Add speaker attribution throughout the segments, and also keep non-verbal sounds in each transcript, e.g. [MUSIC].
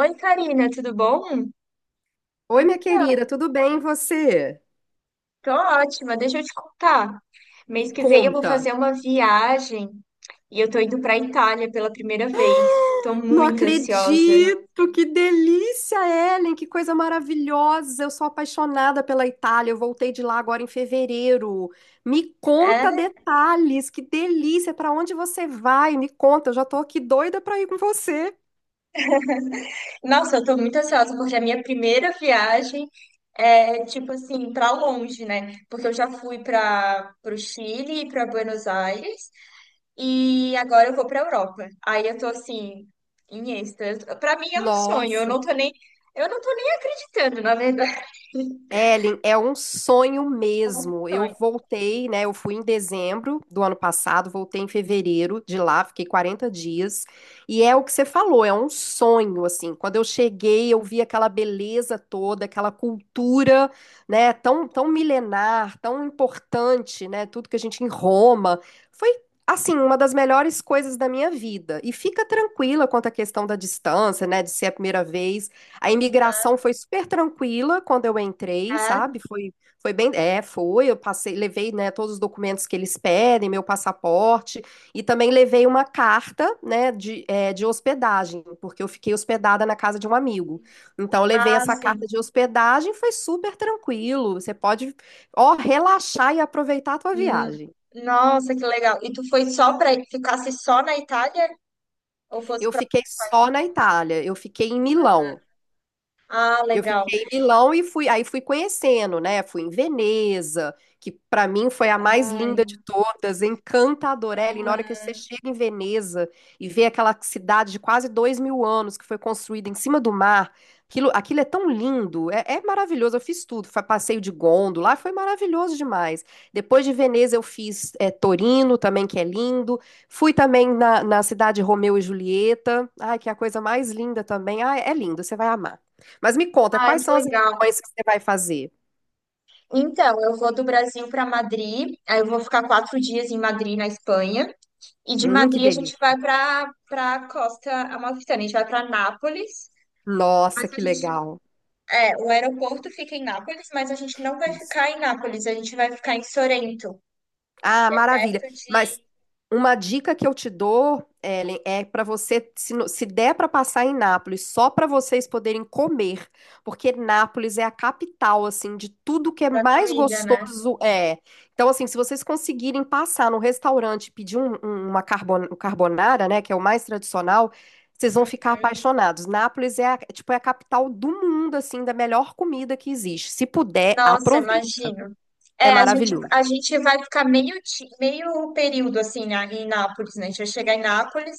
Speaker 1: Oi, Karina, tudo bom?
Speaker 2: Oi, minha
Speaker 1: Então,
Speaker 2: querida, tudo bem e você?
Speaker 1: tô ótima. Deixa eu te contar.
Speaker 2: Me
Speaker 1: Mês que vem eu vou
Speaker 2: conta.
Speaker 1: fazer uma viagem e eu tô indo pra Itália pela primeira vez. Tô
Speaker 2: Não
Speaker 1: muito ansiosa.
Speaker 2: acredito, que delícia, Ellen, que coisa maravilhosa. Eu sou apaixonada pela Itália. Eu voltei de lá agora em fevereiro. Me conta
Speaker 1: É?
Speaker 2: detalhes, que delícia. Para onde você vai? Me conta, eu já tô aqui doida para ir com você.
Speaker 1: Nossa, eu tô muito ansiosa porque é a minha primeira viagem, é tipo assim, pra longe, né? Porque eu já fui para pro Chile e pra Buenos Aires. E agora eu vou pra Europa. Aí eu tô assim, em êxtase. Pra mim é um sonho. Eu
Speaker 2: Nossa.
Speaker 1: não tô nem, eu não tô nem acreditando, na verdade. [LAUGHS]
Speaker 2: Ellen, é um sonho
Speaker 1: É um
Speaker 2: mesmo. Eu
Speaker 1: sonho.
Speaker 2: voltei, né? Eu fui em dezembro do ano passado, voltei em fevereiro de lá, fiquei 40 dias. E é o que você falou, é um sonho, assim. Quando eu cheguei, eu vi aquela beleza toda, aquela cultura, né? Tão, tão milenar, tão importante, né? Tudo que a gente em Roma. Foi, assim, uma das melhores coisas da minha vida. E fica tranquila quanto à questão da distância, né? De ser a primeira vez. A imigração foi super tranquila quando eu entrei, sabe?
Speaker 1: ah
Speaker 2: Foi bem, é, foi. Eu passei, levei, né, todos os documentos que eles pedem, meu passaporte, e também levei uma carta, né, de hospedagem, porque eu fiquei hospedada na casa de um amigo. Então, eu levei
Speaker 1: Ah,
Speaker 2: essa carta
Speaker 1: sim.
Speaker 2: de hospedagem, foi super tranquilo. Você pode, ó, relaxar e aproveitar a tua
Speaker 1: Hum.
Speaker 2: viagem.
Speaker 1: Nossa, que legal. E tu foi só pra ficasse só na Itália ou fosse
Speaker 2: Eu
Speaker 1: pra...
Speaker 2: fiquei só na Itália, eu fiquei em Milão.
Speaker 1: Ah,
Speaker 2: Eu
Speaker 1: legal.
Speaker 2: fiquei em Milão e fui, aí fui conhecendo, né? Fui em Veneza, que para mim foi a mais linda
Speaker 1: Ai,
Speaker 2: de todas, encantadora. Ellen, na hora que você
Speaker 1: ah,
Speaker 2: chega em Veneza e vê aquela cidade de quase 2 mil anos que foi construída em cima do mar, aquilo é tão lindo, é maravilhoso. Eu fiz tudo, foi passeio de gôndola, foi maravilhoso demais. Depois de Veneza eu fiz Torino também, que é lindo. Fui também na cidade de Romeu e Julieta, ai, que é a coisa mais linda também. Ah, é lindo, você vai amar. Mas me conta,
Speaker 1: ai,
Speaker 2: quais
Speaker 1: que
Speaker 2: são as
Speaker 1: legal.
Speaker 2: lições que você vai fazer?
Speaker 1: Então, eu vou do Brasil pra Madrid. Aí eu vou ficar 4 dias em Madrid, na Espanha. E de
Speaker 2: Que
Speaker 1: Madrid a gente
Speaker 2: delícia.
Speaker 1: vai para costa amalfitana, a gente vai para Nápoles. Mas
Speaker 2: Nossa,
Speaker 1: a
Speaker 2: que
Speaker 1: gente,
Speaker 2: legal.
Speaker 1: o aeroporto fica em Nápoles, mas a gente não vai
Speaker 2: Isso.
Speaker 1: ficar em Nápoles, a gente vai ficar em Sorrento,
Speaker 2: Ah,
Speaker 1: que é
Speaker 2: maravilha.
Speaker 1: perto
Speaker 2: Mas
Speaker 1: de,
Speaker 2: uma dica que eu te dou, Ellen, é para você, se der para passar em Nápoles, só para vocês poderem comer, porque Nápoles é a capital, assim, de tudo que é
Speaker 1: da
Speaker 2: mais
Speaker 1: comida, né?
Speaker 2: gostoso. Então, assim, se vocês conseguirem passar no restaurante e pedir um carbonara, né, que é o mais tradicional, vocês vão ficar apaixonados. Nápoles é, tipo, é a capital do mundo, assim, da melhor comida que existe. Se puder,
Speaker 1: Nossa,
Speaker 2: aproveite.
Speaker 1: imagino.
Speaker 2: É
Speaker 1: É, a gente,
Speaker 2: maravilhoso.
Speaker 1: a gente vai ficar meio período assim, né, em Nápoles, né? A gente vai chegar em Nápoles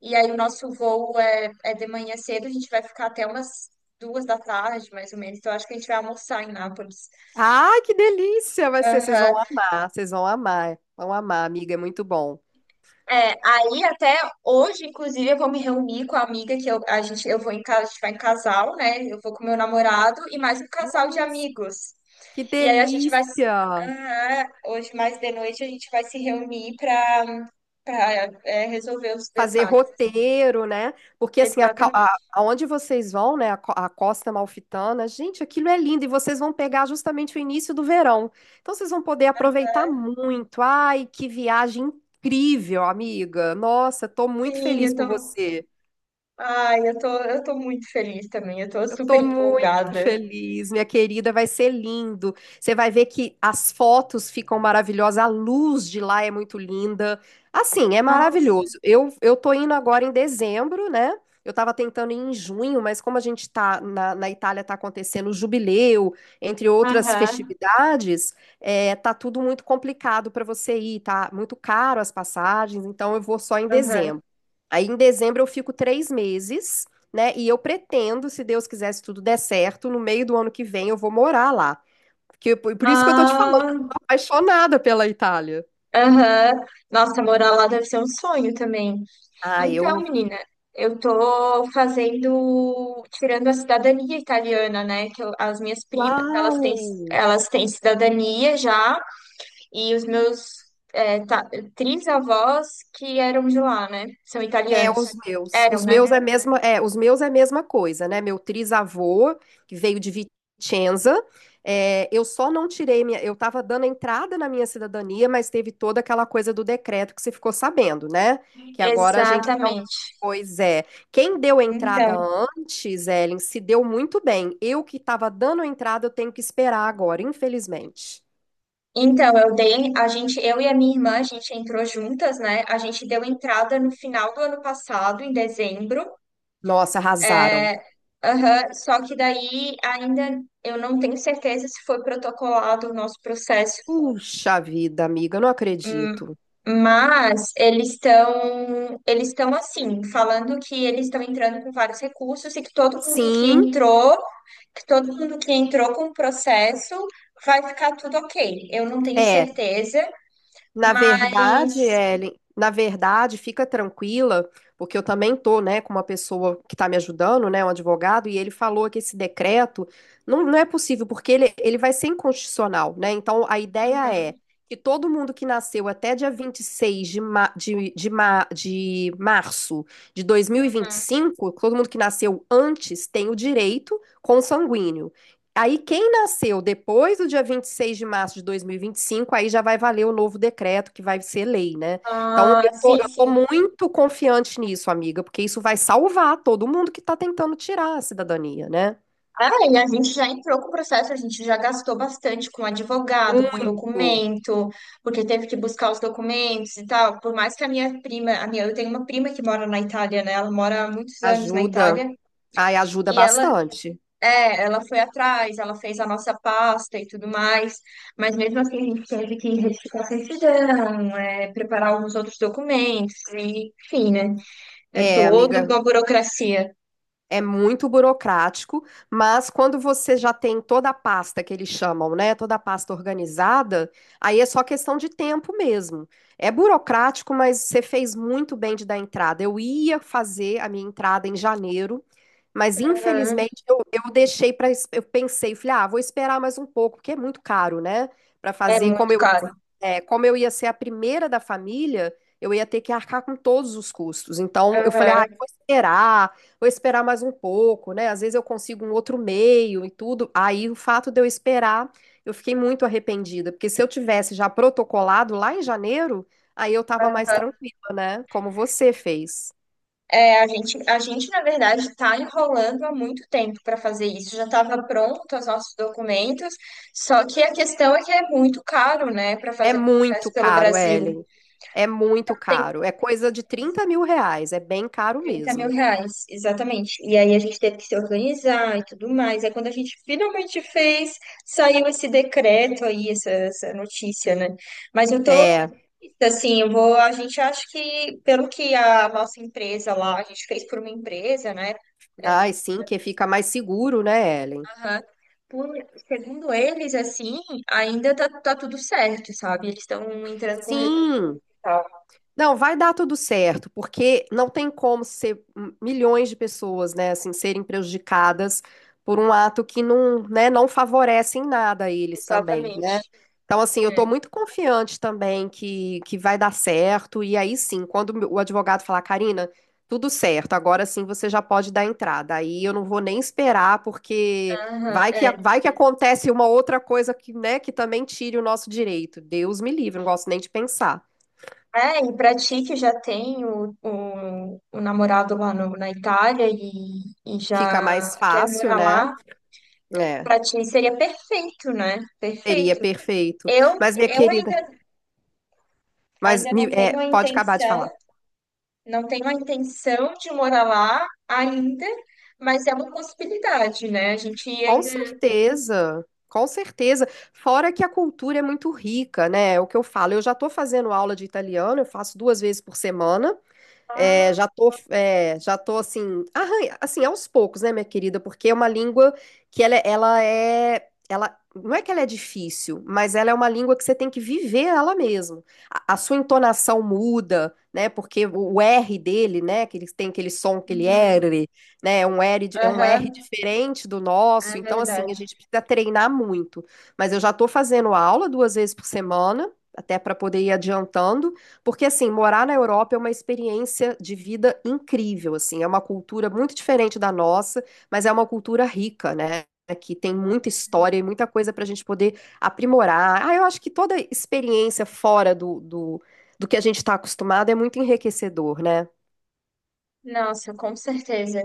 Speaker 1: e aí o nosso voo é de manhã cedo, a gente vai ficar até umas 2 da tarde, mais ou menos. Então acho que a gente vai almoçar em Nápoles.
Speaker 2: Ai, que delícia! Vai ser,
Speaker 1: Aham.
Speaker 2: vocês vão amar, amiga, é muito bom.
Speaker 1: É, aí até hoje, inclusive, eu vou me reunir com a amiga que eu, a gente, eu vou em casa, a gente vai em casal, né? Eu vou com meu namorado e mais um casal de
Speaker 2: Nossa,
Speaker 1: amigos.
Speaker 2: que
Speaker 1: E aí a gente vai,
Speaker 2: delícia!
Speaker 1: hoje mais de noite a gente vai se reunir para resolver os
Speaker 2: Fazer
Speaker 1: detalhes.
Speaker 2: roteiro, né? Porque assim,
Speaker 1: Exatamente.
Speaker 2: aonde vocês vão, né? A Costa Malfitana, gente, aquilo é lindo e vocês vão pegar justamente o início do verão. Então vocês vão poder aproveitar muito. Ai, que viagem incrível, amiga! Nossa, tô muito
Speaker 1: Sim,
Speaker 2: feliz
Speaker 1: eu
Speaker 2: por
Speaker 1: tô,
Speaker 2: você.
Speaker 1: ai, eu tô, eu tô muito feliz também. Eu tô
Speaker 2: Eu
Speaker 1: super
Speaker 2: tô muito
Speaker 1: empolgada.
Speaker 2: feliz, minha querida, vai ser lindo. Você vai ver que as fotos ficam maravilhosas, a luz de lá é muito linda. Assim, é
Speaker 1: Nossa.
Speaker 2: maravilhoso. Eu tô indo agora em dezembro, né? Eu tava tentando ir em junho, mas como a gente tá na Itália, tá acontecendo o jubileu, entre outras
Speaker 1: Aham,
Speaker 2: festividades, tá tudo muito complicado para você ir, tá muito caro as passagens, então eu vou só em
Speaker 1: aham.
Speaker 2: dezembro. Aí em dezembro eu fico 3 meses, né? E eu pretendo, se Deus quiser, se tudo der certo, no meio do ano que vem eu vou morar lá. Porque, por isso que eu tô te falando, eu
Speaker 1: Ah.
Speaker 2: tô apaixonada pela Itália.
Speaker 1: Aham. Nossa, morar lá deve ser um sonho também.
Speaker 2: Ah,
Speaker 1: Então,
Speaker 2: eu.
Speaker 1: menina, eu tô fazendo, tirando a cidadania italiana, né? As minhas primas, elas
Speaker 2: Uau!
Speaker 1: têm, elas têm cidadania já, e os meus, é, ta- trisavós, que eram de lá, né? São
Speaker 2: É, os
Speaker 1: italianos.
Speaker 2: meus.
Speaker 1: Eram,
Speaker 2: Os
Speaker 1: né?
Speaker 2: meus é a mesma, é, os meus é a mesma coisa, né? Meu trisavô, que veio de Vicenza, eu só não tirei minha, eu tava dando entrada na minha cidadania, mas teve toda aquela coisa do decreto que você ficou sabendo, né? Que agora a gente não.
Speaker 1: Exatamente.
Speaker 2: Pois é. Quem deu entrada
Speaker 1: Então,
Speaker 2: antes, Ellen, se deu muito bem. Eu que tava dando entrada, eu tenho que esperar agora, infelizmente.
Speaker 1: a gente, eu e a minha irmã, a gente entrou juntas, né? A gente deu entrada no final do ano passado, em dezembro.
Speaker 2: Nossa, arrasaram.
Speaker 1: Aham. Só que daí ainda eu não tenho certeza se foi protocolado o nosso processo.
Speaker 2: Puxa vida, amiga, não
Speaker 1: Hum.
Speaker 2: acredito.
Speaker 1: Mas eles estão assim, falando que eles estão entrando com vários recursos e que todo mundo que
Speaker 2: Sim,
Speaker 1: entrou, que todo mundo que entrou com o processo vai ficar tudo ok. Eu não tenho
Speaker 2: é.
Speaker 1: certeza,
Speaker 2: Na
Speaker 1: mas...
Speaker 2: verdade, Ellen, na verdade, fica tranquila, porque eu também tô, né, com uma pessoa que está me ajudando, né, um advogado, e ele falou que esse decreto não é possível, porque ele vai ser inconstitucional, né? Então, a ideia é
Speaker 1: Uhum,
Speaker 2: que todo mundo que nasceu até dia 26 de março de dois mil e vinte e
Speaker 1: uhum.
Speaker 2: cinco, todo mundo que nasceu antes tem o direito consanguíneo. Aí, quem nasceu depois do dia 26 de março de dois mil e vinte e cinco, aí já vai valer o novo decreto, que vai ser lei, né? Então, eu
Speaker 1: Ah,
Speaker 2: tô,
Speaker 1: sim,
Speaker 2: eu tô
Speaker 1: sim.
Speaker 2: muito confiante nisso, amiga, porque isso vai salvar todo mundo que tá tentando tirar a cidadania, né?
Speaker 1: Ah, e a gente já entrou com o processo, a gente já gastou bastante com advogado, com
Speaker 2: Muito.
Speaker 1: documento, porque teve que buscar os documentos e tal. Por mais que a minha prima, eu tenho uma prima que mora na Itália, né? Ela mora há muitos anos na
Speaker 2: Ajuda.
Speaker 1: Itália
Speaker 2: Ai, ajuda
Speaker 1: e ela,
Speaker 2: bastante.
Speaker 1: ela foi atrás, ela fez a nossa pasta e tudo mais, mas mesmo assim a gente teve que retificar a certidão, preparar alguns outros documentos, e, enfim, né? É
Speaker 2: É,
Speaker 1: toda
Speaker 2: amiga.
Speaker 1: uma burocracia.
Speaker 2: É muito burocrático, mas quando você já tem toda a pasta que eles chamam, né? Toda a pasta organizada, aí é só questão de tempo mesmo. É burocrático, mas você fez muito bem de dar entrada. Eu ia fazer a minha entrada em janeiro, mas
Speaker 1: Aham.
Speaker 2: infelizmente eu deixei para. Eu pensei, falei, ah, vou esperar mais um pouco, porque é muito caro, né? Para
Speaker 1: É
Speaker 2: fazer como
Speaker 1: muito
Speaker 2: eu
Speaker 1: caro.
Speaker 2: é, como eu ia ser a primeira da família, eu ia ter que arcar com todos os custos. Então, eu falei, ah, eu
Speaker 1: Aham.
Speaker 2: vou esperar mais um pouco, né? Às vezes eu consigo um outro meio e tudo. Aí, o fato de eu esperar, eu fiquei muito arrependida, porque se eu tivesse já protocolado lá em janeiro, aí eu tava mais tranquila, né? Como você fez.
Speaker 1: É, a gente, na verdade, está enrolando há muito tempo para fazer isso. Já estava pronto os nossos documentos, só que a questão é que é muito caro, né, para
Speaker 2: É
Speaker 1: fazer o
Speaker 2: muito
Speaker 1: processo pelo
Speaker 2: caro,
Speaker 1: Brasil.
Speaker 2: Ellen. É muito
Speaker 1: Tem
Speaker 2: caro. É coisa de 30 mil reais. É bem caro
Speaker 1: 30 mil
Speaker 2: mesmo.
Speaker 1: reais, exatamente. E aí a gente teve que se organizar e tudo mais. Aí quando a gente finalmente fez, saiu esse decreto aí, essa notícia, né? Mas eu tô,
Speaker 2: É.
Speaker 1: assim, eu vou, a gente acha que, pelo que a nossa empresa lá, a gente fez por uma empresa, né?
Speaker 2: Ai, sim, que fica mais seguro, né, Ellen?
Speaker 1: Aham. Por, segundo eles, assim, ainda tá tudo certo, sabe? Eles estão entrando com recurso
Speaker 2: Sim,
Speaker 1: e tal.
Speaker 2: não, vai dar tudo certo, porque não tem como ser milhões de pessoas, né, assim, serem prejudicadas por um ato que não, né, não favorece em nada a eles também, né?
Speaker 1: Exatamente.
Speaker 2: Então, assim, eu tô
Speaker 1: É.
Speaker 2: muito confiante também que vai dar certo, e aí sim, quando o advogado falar, Karina, tudo certo, agora sim você já pode dar entrada, aí eu não vou nem esperar, porque
Speaker 1: Aham, é.
Speaker 2: vai que acontece uma outra coisa que, né, que também tire o nosso direito, Deus me livre, não gosto nem de pensar.
Speaker 1: É, e pra ti que já tem o namorado lá na Itália e
Speaker 2: Fica mais
Speaker 1: já quer
Speaker 2: fácil,
Speaker 1: morar
Speaker 2: né?
Speaker 1: lá,
Speaker 2: É,
Speaker 1: pra ti seria perfeito, né?
Speaker 2: seria
Speaker 1: Perfeito.
Speaker 2: perfeito.
Speaker 1: Eu,
Speaker 2: Mas, minha
Speaker 1: eu
Speaker 2: querida,
Speaker 1: ainda, ainda não tenho a
Speaker 2: pode acabar de
Speaker 1: intenção,
Speaker 2: falar.
Speaker 1: de morar lá ainda, mas é uma possibilidade, né? A gente
Speaker 2: Com
Speaker 1: ainda...
Speaker 2: certeza, com certeza. Fora que a cultura é muito rica, né? É o que eu falo. Eu já estou fazendo aula de italiano, eu faço duas vezes por semana. É,
Speaker 1: Ah,
Speaker 2: já tô assim, arranha, assim, aos poucos, né, minha querida? Porque é uma língua que ela, é, ela é, ela não é que ela é difícil, mas ela é uma língua que você tem que viver ela mesmo. A sua entonação muda, né? Porque o R dele, né? Que ele tem aquele som, aquele
Speaker 1: uhum.
Speaker 2: R, né? É um R
Speaker 1: Aham,
Speaker 2: diferente do nosso.
Speaker 1: é
Speaker 2: Então, assim, a
Speaker 1: verdade.
Speaker 2: gente precisa treinar muito. Mas eu já tô fazendo aula duas vezes por semana, até para poder ir adiantando. Porque, assim, morar na Europa é uma experiência de vida incrível, assim, é uma cultura muito diferente da nossa, mas é uma cultura rica, né? Que tem muita história e muita coisa para a gente poder aprimorar. Ah, eu acho que toda experiência fora do que a gente está acostumado é muito enriquecedor, né?
Speaker 1: Nossa, com certeza.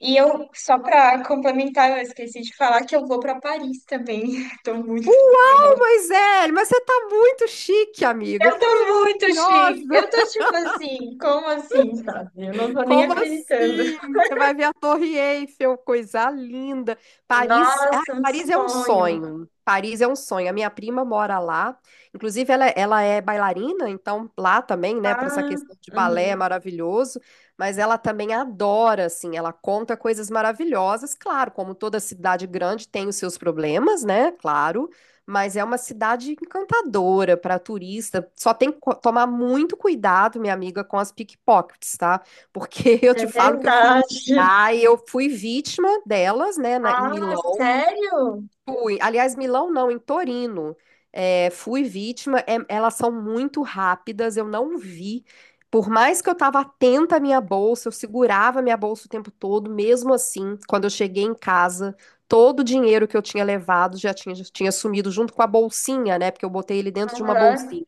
Speaker 1: E eu, só para complementar, eu esqueci de falar que eu vou para Paris também. [LAUGHS] Tô muito
Speaker 2: Uau,
Speaker 1: ansiosa.
Speaker 2: Moisés, mas você tá muito chique, amiga.
Speaker 1: Eu
Speaker 2: Que coisa
Speaker 1: tô muito chique. Eu
Speaker 2: maravilhosa!
Speaker 1: tô tipo assim, como assim, sabe? Eu não tô nem
Speaker 2: Como
Speaker 1: acreditando.
Speaker 2: assim? Você vai ver a Torre Eiffel, coisa linda. Paris, ah,
Speaker 1: Nossa, um
Speaker 2: Paris é um
Speaker 1: sonho.
Speaker 2: sonho. Paris é um sonho. A minha prima mora lá. Inclusive, ela é bailarina, então lá também, né,
Speaker 1: Ah,
Speaker 2: para essa questão de balé é
Speaker 1: uhum.
Speaker 2: maravilhoso. Mas ela também adora, assim, ela conta coisas maravilhosas. Claro, como toda cidade grande tem os seus problemas, né? Claro. Mas é uma cidade encantadora para turista. Só tem que tomar muito cuidado, minha amiga, com as pickpockets, tá? Porque [LAUGHS] eu
Speaker 1: É
Speaker 2: te falo que eu fui.
Speaker 1: verdade.
Speaker 2: Ah, eu fui vítima delas, né, em
Speaker 1: Ah,
Speaker 2: Milão.
Speaker 1: sério?
Speaker 2: Fui. Aliás, Milão não, em Torino. É, fui vítima. Elas são muito rápidas, eu não vi. Por mais que eu estava atenta à minha bolsa, eu segurava a minha bolsa o tempo todo, mesmo assim, quando eu cheguei em casa, todo o dinheiro que eu tinha levado já tinha sumido junto com a bolsinha, né? Porque eu botei ele dentro de uma
Speaker 1: Aham.
Speaker 2: bolsinha.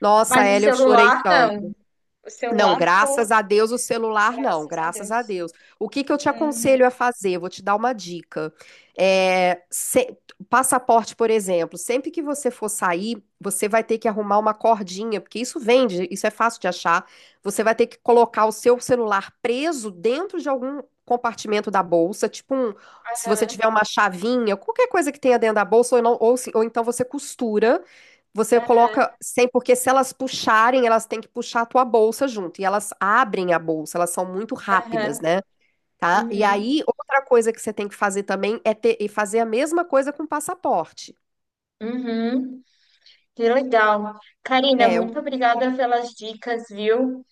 Speaker 2: Nossa,
Speaker 1: Mas o
Speaker 2: Hélia, eu chorei
Speaker 1: celular, não.
Speaker 2: tanto.
Speaker 1: O
Speaker 2: Não,
Speaker 1: celular ficou,
Speaker 2: graças a Deus o celular não,
Speaker 1: graças a
Speaker 2: graças a
Speaker 1: Deus.
Speaker 2: Deus. O que que eu te
Speaker 1: Uhum.
Speaker 2: aconselho a fazer? Vou te dar uma dica. É, se- Passaporte, por exemplo, sempre que você for sair, você vai ter que arrumar uma cordinha, porque isso vende, isso é fácil de achar. Você vai ter que colocar o seu celular preso dentro de algum compartimento da bolsa, tipo um, se você tiver uma chavinha, qualquer coisa que tenha dentro da bolsa, ou, não- ou se- ou então você costura. Você
Speaker 1: Aham,
Speaker 2: coloca sem, porque se elas puxarem, elas têm que puxar a tua bolsa junto. E elas abrem a bolsa, elas são muito rápidas,
Speaker 1: aham,
Speaker 2: né? Tá? E
Speaker 1: uhum,
Speaker 2: aí, outra coisa que você tem que fazer também é ter, e fazer a mesma coisa com o passaporte.
Speaker 1: uhum. Que legal. Karina,
Speaker 2: É,
Speaker 1: muito
Speaker 2: eu-
Speaker 1: obrigada pelas dicas, viu?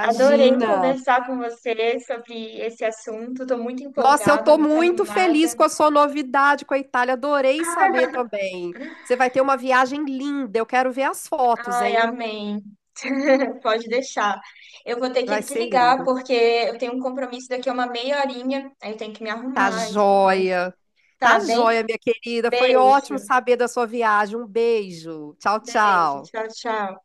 Speaker 1: Adorei conversar com você sobre esse assunto. Estou muito
Speaker 2: Nossa, eu
Speaker 1: empolgada,
Speaker 2: tô
Speaker 1: muito
Speaker 2: muito
Speaker 1: animada.
Speaker 2: feliz com a sua novidade com a Itália. Adorei saber
Speaker 1: [LAUGHS]
Speaker 2: também. Você vai ter uma viagem linda. Eu quero ver as fotos,
Speaker 1: Ai,
Speaker 2: hein?
Speaker 1: amém. [LAUGHS] Pode deixar. Eu vou ter que
Speaker 2: Vai ser
Speaker 1: desligar
Speaker 2: lindo.
Speaker 1: porque eu tenho um compromisso daqui a uma meia horinha. Aí eu tenho que me
Speaker 2: Tá
Speaker 1: arrumar e tudo mais.
Speaker 2: joia.
Speaker 1: Tá
Speaker 2: Tá
Speaker 1: bem?
Speaker 2: joia, minha querida. Foi
Speaker 1: Beijo.
Speaker 2: ótimo saber da sua viagem. Um beijo. Tchau,
Speaker 1: Beijo.
Speaker 2: tchau.
Speaker 1: Tchau, tchau.